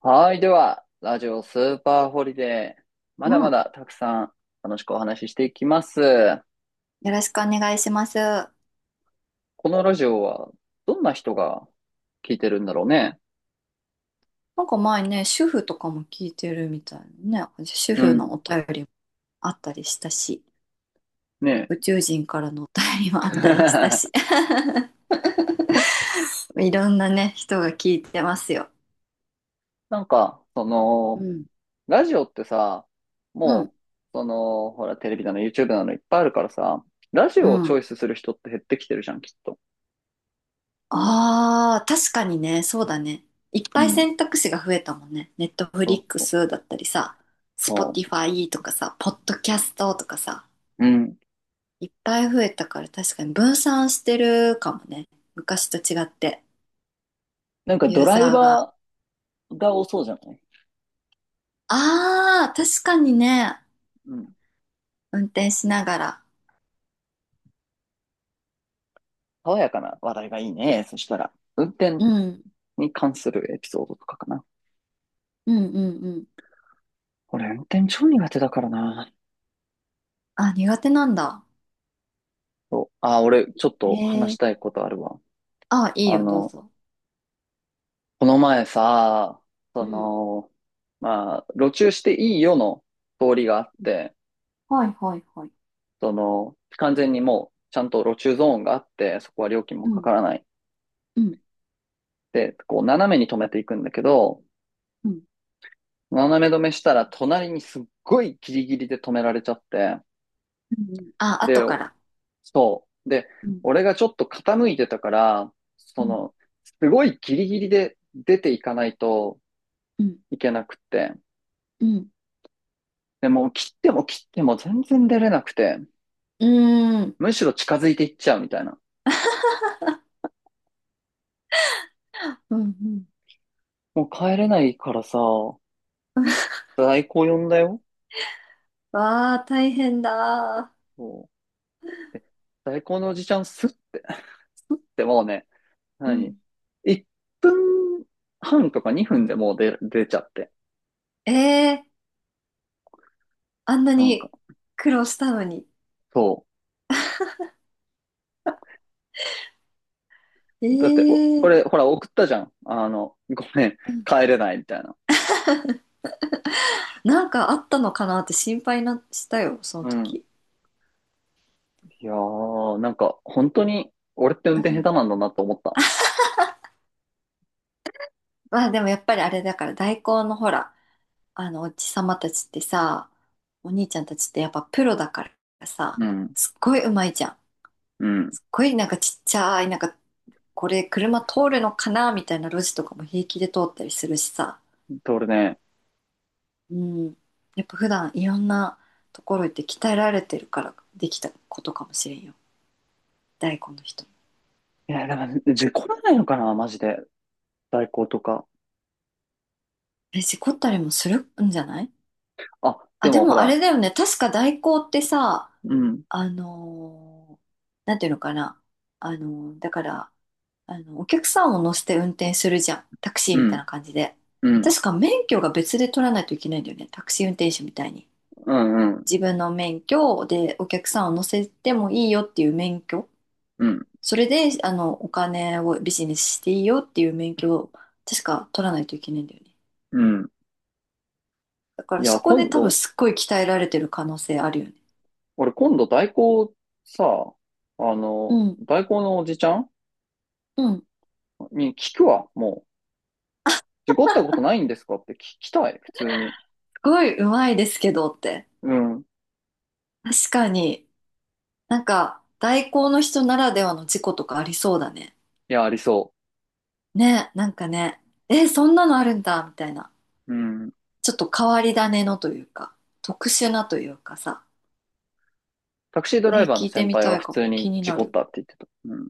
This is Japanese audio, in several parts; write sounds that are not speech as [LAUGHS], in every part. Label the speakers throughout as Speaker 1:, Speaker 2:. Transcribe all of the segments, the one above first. Speaker 1: はい。では、ラジオスーパーホリデー。ま
Speaker 2: う
Speaker 1: だま
Speaker 2: ん。
Speaker 1: だたくさん楽しくお話ししていきます。
Speaker 2: よろしくお願いします。な
Speaker 1: このラジオはどんな人が聞いてるんだろうね。
Speaker 2: んか前ね、主婦とかも聞いてるみたいなね。主
Speaker 1: う
Speaker 2: 婦
Speaker 1: ん。
Speaker 2: のお便りもあったりしたし、
Speaker 1: ねえ。
Speaker 2: 宇宙人からのお便りもあったりしたし。
Speaker 1: [LAUGHS]
Speaker 2: [LAUGHS] いろんなね、人が聞いてますよ。
Speaker 1: なんか、
Speaker 2: うん。
Speaker 1: ラジオってさ、
Speaker 2: うん。
Speaker 1: もう、ほら、テレビなの、YouTube なのいっぱいあるからさ、ラジ
Speaker 2: う
Speaker 1: オをチ
Speaker 2: ん。
Speaker 1: ョイスする人って減ってきてるじゃん、きっと。
Speaker 2: ああ、確かにね、そうだね。いっ
Speaker 1: う
Speaker 2: ぱい
Speaker 1: ん。
Speaker 2: 選択肢が増えたもんね。ネットフ
Speaker 1: そ
Speaker 2: リ
Speaker 1: う
Speaker 2: ック
Speaker 1: そう。
Speaker 2: スだったりさ、スポ
Speaker 1: そ
Speaker 2: ティファイとかさ、ポッドキャストとかさ。
Speaker 1: う。うん。
Speaker 2: いっぱい増えたから確かに分散してるかもね。昔と違って、
Speaker 1: なんか
Speaker 2: ユ
Speaker 1: ド
Speaker 2: ー
Speaker 1: ライ
Speaker 2: ザーが。
Speaker 1: バーが多そうじゃない？
Speaker 2: ああ、確かにね。
Speaker 1: うん。
Speaker 2: 運転しながら。
Speaker 1: 爽やかな話題がいいね。そしたら、運転
Speaker 2: うん。
Speaker 1: に関するエピソードとかかな。
Speaker 2: うんうんうん。
Speaker 1: 俺、運転超苦手だからな。
Speaker 2: あ、苦手なんだ。
Speaker 1: そう。あ、俺、ちょっと
Speaker 2: へ
Speaker 1: 話し
Speaker 2: え。
Speaker 1: たいことあるわ。
Speaker 2: あ、いい
Speaker 1: あ
Speaker 2: よ、どう
Speaker 1: の、
Speaker 2: ぞ。
Speaker 1: この前さ、
Speaker 2: う
Speaker 1: そ
Speaker 2: ん。
Speaker 1: の、まあ、路中していいよの通りがあって、
Speaker 2: はいはいはい。
Speaker 1: 完全にもう、ちゃんと路中ゾーンがあって、そこは料金も
Speaker 2: う
Speaker 1: か
Speaker 2: ん。
Speaker 1: からない。
Speaker 2: うん。
Speaker 1: で、こう、斜めに止めていくんだけど、
Speaker 2: うん。
Speaker 1: 斜め止めしたら、隣にすっごいギリギリで止められちゃって、
Speaker 2: うん。あ、
Speaker 1: で、
Speaker 2: 後から。
Speaker 1: そう。で、
Speaker 2: うん。
Speaker 1: 俺がちょっと傾いてたから、
Speaker 2: うん。
Speaker 1: すごいギリギリで出ていかないと
Speaker 2: うん。
Speaker 1: いけなくって。
Speaker 2: うん。
Speaker 1: でもう切っても切っても全然出れなくて、
Speaker 2: うーん。
Speaker 1: むしろ近づいていっちゃうみたいな。
Speaker 2: うん。うん
Speaker 1: もう帰れないからさ、
Speaker 2: [LAUGHS]
Speaker 1: 代行呼んだよ。
Speaker 2: わあ、大変だ。
Speaker 1: そう。で、代行のおじちゃんスッて、[LAUGHS] スッてもうね、
Speaker 2: う
Speaker 1: 何？
Speaker 2: ん。
Speaker 1: 1 分半とか2分でもう出ちゃって。
Speaker 2: ええ、あんな
Speaker 1: なんか、
Speaker 2: に苦労したのに。
Speaker 1: そう。
Speaker 2: え
Speaker 1: だって、俺、
Speaker 2: え。
Speaker 1: ほら、送ったじゃん。ごめん、
Speaker 2: うん。
Speaker 1: 帰れないみたいな。
Speaker 2: なんかあったのかなって心配な、したよ、その
Speaker 1: うん。
Speaker 2: 時。
Speaker 1: いやー、なんか、本当に、俺って運
Speaker 2: う
Speaker 1: 転下手
Speaker 2: ん。
Speaker 1: なんだなと思った。
Speaker 2: まあでもやっぱりあれだから代行のほら、あのおじさまたちってさ、お兄ちゃんたちってやっぱプロだからさ、
Speaker 1: うん。
Speaker 2: すっごいうまいじゃん。
Speaker 1: うん。
Speaker 2: すっごいなんかちっちゃい、なんかこれ車通るのかなみたいな路地とかも平気で通ったりするしさ。
Speaker 1: で、俺ね、
Speaker 2: うん。やっぱ普段いろんなところ行って鍛えられてるからできたことかもしれんよ。大根の人も。
Speaker 1: いや、でも、事故らないのかな、マジで。代行とか。
Speaker 2: え、事故ったりもするんじゃない？
Speaker 1: あ、で
Speaker 2: あ、で
Speaker 1: も、ほ
Speaker 2: もあ
Speaker 1: ら、
Speaker 2: れだよね。確か代行ってさ、
Speaker 1: うん、
Speaker 2: あのーなんていうのかな。だから、お客さんを乗せて運転するじゃん。タクシー
Speaker 1: う
Speaker 2: みたい
Speaker 1: ん、
Speaker 2: な感じで。
Speaker 1: うん、
Speaker 2: 確か免許が別で取らないといけないんだよね。タクシー運転手みたいに。
Speaker 1: うん、うん、
Speaker 2: 自分の免許でお客さんを乗せてもいいよっていう免許。
Speaker 1: うん、
Speaker 2: それで、お金をビジネスしていいよっていう免許を確か取らないといけないんだよね。
Speaker 1: うん。
Speaker 2: だか
Speaker 1: い
Speaker 2: らそ
Speaker 1: や、
Speaker 2: こで多分すっごい鍛えられてる可能性あるよね。
Speaker 1: 俺、今度、代行、さ、
Speaker 2: うん。
Speaker 1: 代行のおじちゃん
Speaker 2: うん
Speaker 1: に聞くわ、もう。事故ったことないんですかって聞きたい、普通に。
Speaker 2: ごいうまいですけどって。
Speaker 1: うん。
Speaker 2: 確かに、なんか、代行の人ならではの事故とかありそうだね。
Speaker 1: いや、ありそ
Speaker 2: ね、なんかね、え、そんなのあるんだ、みたいな。
Speaker 1: う。うん。
Speaker 2: ちょっと変わり種のというか、特殊なというかさ。
Speaker 1: タクシードラ
Speaker 2: え、
Speaker 1: イバー
Speaker 2: 聞
Speaker 1: の
Speaker 2: いて
Speaker 1: 先
Speaker 2: み
Speaker 1: 輩は
Speaker 2: たい
Speaker 1: 普
Speaker 2: かも。
Speaker 1: 通
Speaker 2: 気
Speaker 1: に
Speaker 2: に
Speaker 1: 事
Speaker 2: な
Speaker 1: 故っ
Speaker 2: る。
Speaker 1: たって言ってた。うん。い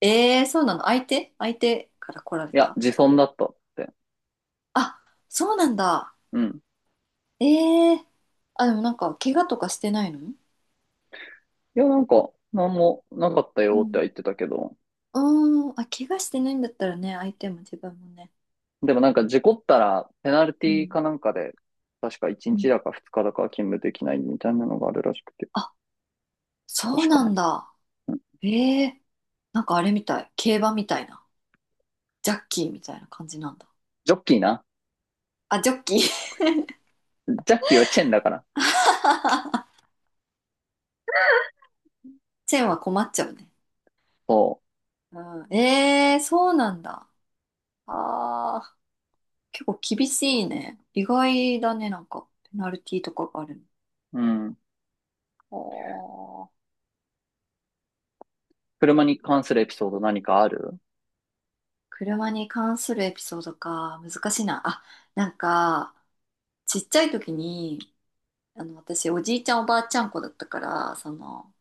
Speaker 2: えー、そうなの？相手から来られ
Speaker 1: や、
Speaker 2: た？
Speaker 1: 自損だったって。
Speaker 2: あ、そうなんだ。
Speaker 1: うん。
Speaker 2: えー、あ、でもなんか、怪我とかしてないの？
Speaker 1: いや、なんか、なんもなかった
Speaker 2: う
Speaker 1: よって
Speaker 2: ん。
Speaker 1: は言ってたけど。
Speaker 2: うーん、あ、怪我してないんだったらね、相手も自分もね。
Speaker 1: でもなんか事故ったら、ペナル
Speaker 2: う
Speaker 1: ティ
Speaker 2: ん。
Speaker 1: かなんかで、確か1
Speaker 2: う
Speaker 1: 日
Speaker 2: ん。
Speaker 1: だか2日だか勤務できないみたいなのがあるらしくて。
Speaker 2: あ、そう
Speaker 1: 確か
Speaker 2: なん
Speaker 1: ね。
Speaker 2: だ。
Speaker 1: うん。
Speaker 2: ええ、なんかあれみたい。競馬みたいな。ジャッキーみたいな感じなんだ。
Speaker 1: ジョッキーな。
Speaker 2: あ、ジョッキー。
Speaker 1: ジャッキーはチェンだから。
Speaker 2: [LAUGHS] チェーンは困っちゃうね。
Speaker 1: そ
Speaker 2: うん。ええ、そうなんだ。ああ、結構厳しいね。意外だね、なんか。ペナルティーとかがある
Speaker 1: う。うん。
Speaker 2: の。おー、
Speaker 1: 車に関するエピソード何かある？
Speaker 2: 車に関するエピソードか。難しいな。あ、なんか、ちっちゃい時に、私、おじいちゃんおばあちゃん子だったから、その、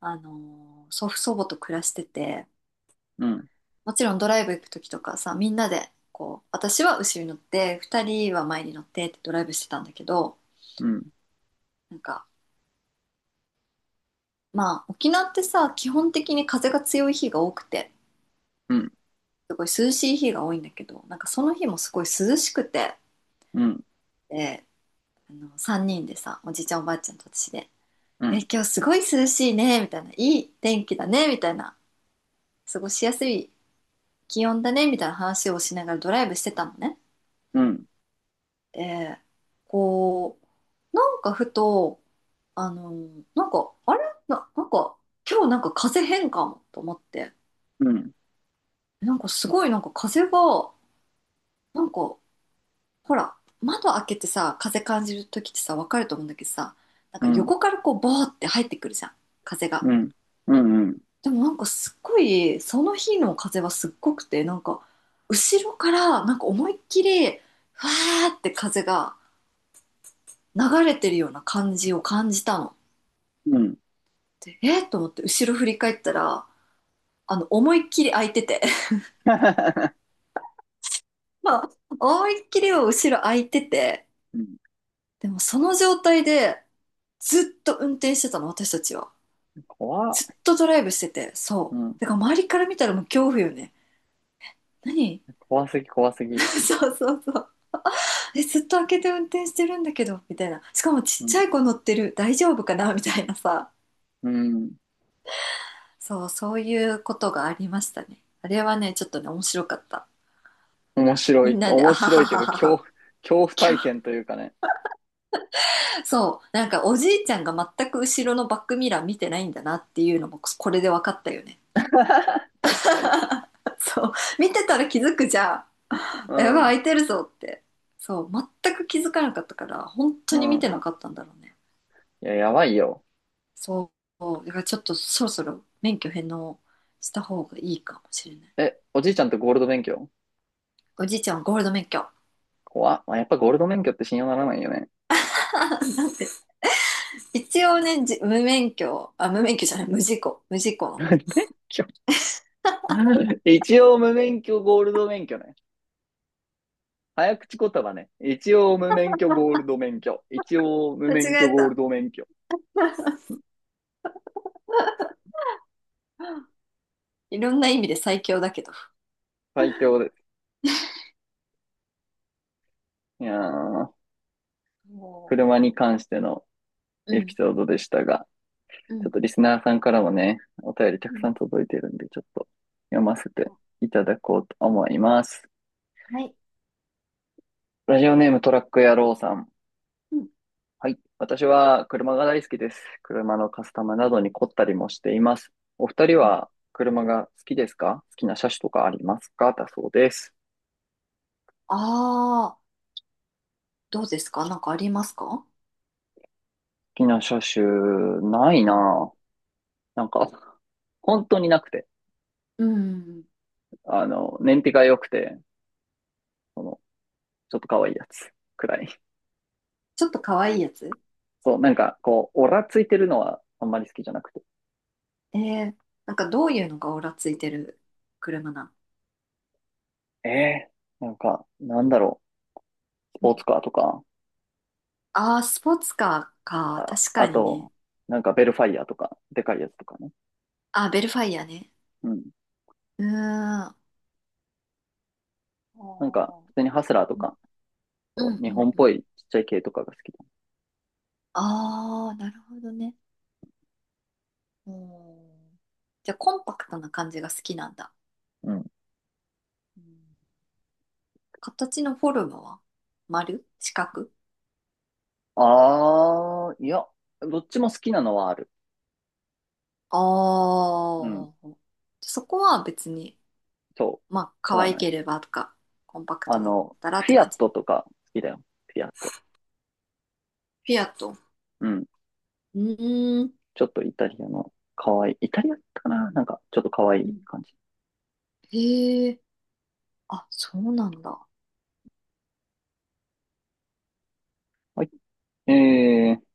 Speaker 2: 祖父祖母と暮らしてて、
Speaker 1: うん。
Speaker 2: もちろんドライブ行く時とかさ、みんなで、こう、私は後ろに乗って、二人は前に乗ってってドライブしてたんだけど、
Speaker 1: うん。
Speaker 2: なんか、まあ、沖縄ってさ、基本的に風が強い日が多くて、
Speaker 1: うん。
Speaker 2: すごい涼しい日が多いんだけど、なんかその日もすごい涼しくて、
Speaker 1: うん。
Speaker 2: で、三人でさ、おじいちゃんおばあちゃんと私で、
Speaker 1: う
Speaker 2: え、
Speaker 1: ん。
Speaker 2: 今日すごい涼しいね、みたいな、いい天気だね、みたいな、過ごしやすい気温だね、みたいな話をしながらドライブしてたのね。
Speaker 1: うん。
Speaker 2: で、こう、なんかふと、なんか、あれな、なんか、今日なんか風邪変かもと思って、
Speaker 1: うん。
Speaker 2: なんかすごいなんか風が、なんか、ほら、窓開けてさ、風感じるときってさ、わかると思うんだけどさ、なん
Speaker 1: う
Speaker 2: か
Speaker 1: ん。
Speaker 2: 横からこう、ボーって入ってくるじゃん、風が。
Speaker 1: うん。うん。うん。
Speaker 2: でもなんかすっごい、その日の風はすっごくて、なんか、後ろからなんか思いっきり、わーって風が流れてるような感じを感じたの。
Speaker 1: うん
Speaker 2: で、えーと思って後ろ振り返ったら、思いっきり開いてて。まあ、思いっきりは後ろ空いてて、
Speaker 1: うん、
Speaker 2: でもその状態でずっと運転してたの、私たちは。
Speaker 1: 怖
Speaker 2: ずっ
Speaker 1: っ、
Speaker 2: とドライブしてて、
Speaker 1: う
Speaker 2: そう。
Speaker 1: ん、
Speaker 2: だから周りから見たらもう恐怖よね。何
Speaker 1: 怖すぎ、怖すぎ。
Speaker 2: [LAUGHS] そうそうそう。え、ずっと開けて運転してるんだけど、みたいな。しかもちっ
Speaker 1: うん、
Speaker 2: ちゃい子乗ってる、大丈夫かなみたいなさ。
Speaker 1: うん、
Speaker 2: そう、そういうことがありましたね。あれはね、ちょっとね、面白かった。
Speaker 1: 面白
Speaker 2: み
Speaker 1: い、
Speaker 2: んなで、あ
Speaker 1: 面
Speaker 2: は
Speaker 1: 白
Speaker 2: は
Speaker 1: いという
Speaker 2: は
Speaker 1: か、
Speaker 2: は
Speaker 1: 恐怖、
Speaker 2: は、
Speaker 1: 恐怖体
Speaker 2: 今
Speaker 1: 験というかね。
Speaker 2: そう、なんかおじいちゃんが全く後ろのバックミラー見てないんだなっていうのもこれで分かったよね。
Speaker 1: [LAUGHS] 確かに。
Speaker 2: [LAUGHS] そう、見てたら気づくじゃ
Speaker 1: う
Speaker 2: ん。やばい、空
Speaker 1: ん、
Speaker 2: いてるぞって。そう、全く気づかなかったから、本当
Speaker 1: う
Speaker 2: に見て
Speaker 1: ん。
Speaker 2: なかったんだろうね。
Speaker 1: いや、やばいよ。
Speaker 2: そう、だからちょっとそろそろ免許返納した方がいいかもしれない。
Speaker 1: え、おじいちゃんとゴールド免許？
Speaker 2: おじいちゃんはゴールド免許。
Speaker 1: 怖っ。まあ、やっぱゴールド免許って信用ならないよね。
Speaker 2: [LAUGHS] なんて、一応ね、じ無免許、あ、無免許じゃない、無事故、の。
Speaker 1: [LAUGHS] 免許一応無免許ゴールド免許ね。早口言葉ね。一応無免許ゴールド免許。一応無
Speaker 2: 間
Speaker 1: 免許
Speaker 2: 違え
Speaker 1: ゴール
Speaker 2: た。
Speaker 1: ド免許。
Speaker 2: [LAUGHS] いろんな意味で最強だけど。
Speaker 1: 最強です。いやー、
Speaker 2: も
Speaker 1: 車に関しての
Speaker 2: う
Speaker 1: エピ
Speaker 2: ん、
Speaker 1: ソードでしたが、
Speaker 2: う
Speaker 1: ちょっ
Speaker 2: ん、
Speaker 1: とリスナーさんからもね、お便りた
Speaker 2: う
Speaker 1: くさ
Speaker 2: ん。
Speaker 1: ん届いてるんで、ちょっと読ませ
Speaker 2: う、
Speaker 1: て
Speaker 2: あ、
Speaker 1: いただこうと思います。
Speaker 2: はい。
Speaker 1: ラジオネームトラック野郎さん。
Speaker 2: うん、
Speaker 1: はい。私は車が大好きです。車のカスタムなどに凝ったりもしています。お二人
Speaker 2: うん。
Speaker 1: は車が好きですか？好きな車種とかありますか？だそうです。
Speaker 2: ああ、どうですか？なんかありますか？
Speaker 1: 好きな車種、ない
Speaker 2: うん。
Speaker 1: なぁ。なんか、本当になくて。
Speaker 2: うん。
Speaker 1: 燃費が良くて、その、ちょっと可愛いやつくらい。
Speaker 2: ちょっと可愛いやつ？
Speaker 1: そう、なんか、こう、オラついてるのはあんまり好きじゃなくて。
Speaker 2: えー、なんかどういうのがオラついてる車なん？
Speaker 1: えなんか、なんだろう、ス
Speaker 2: う
Speaker 1: ポー
Speaker 2: ん。
Speaker 1: ツカーとか、
Speaker 2: ああー、スポーツカーか。
Speaker 1: あ、
Speaker 2: 確か
Speaker 1: あ
Speaker 2: にね。
Speaker 1: と、なんかベルファイアとか、でかいやつとかね。
Speaker 2: あ、ベルファイアね。
Speaker 1: うん。
Speaker 2: うーん。あ
Speaker 1: なんか、
Speaker 2: ー。
Speaker 1: 普通にハスラーと
Speaker 2: うん、
Speaker 1: か、
Speaker 2: う
Speaker 1: そう
Speaker 2: ん、
Speaker 1: 日
Speaker 2: うん。
Speaker 1: 本っ
Speaker 2: う
Speaker 1: ぽ
Speaker 2: ん。
Speaker 1: いちっちゃい系とかが好きだ。
Speaker 2: ああ、なるほどね。うん。じゃあ、コンパクトな感じが好きなんだ。
Speaker 1: うん。
Speaker 2: うん。形のフォルムは丸四角？
Speaker 1: あー、いや、どっちも好きなのはある。
Speaker 2: ああ
Speaker 1: うん。
Speaker 2: ー。そこは別に、
Speaker 1: そう。
Speaker 2: まあ、可
Speaker 1: 問わ
Speaker 2: 愛
Speaker 1: ない。
Speaker 2: ければとか、コンパクトだったらっ
Speaker 1: フ
Speaker 2: て
Speaker 1: ィア
Speaker 2: 感
Speaker 1: ッ
Speaker 2: じ。フ
Speaker 1: トとか好きだよ。フィアット。
Speaker 2: ィアット。
Speaker 1: うん。
Speaker 2: うーん。
Speaker 1: ちょっとイタリアの可愛い。イタリアだったかななんか、ちょっと可愛
Speaker 2: う
Speaker 1: い
Speaker 2: ん。
Speaker 1: 感じ。
Speaker 2: へえ。あ、そうなんだ。
Speaker 1: はい。えー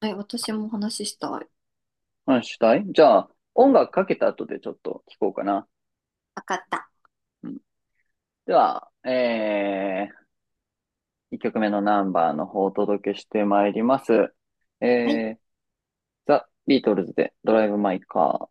Speaker 2: はい、私もお話ししたい。わ
Speaker 1: 話したい？じゃあ、音楽かけた後でちょっと聞こうかな。
Speaker 2: かった。
Speaker 1: うん、では、1曲目のナンバーの方をお届けしてまいります。
Speaker 2: はい。
Speaker 1: えー、ザ・ビートルズでドライブ・マイ・カー。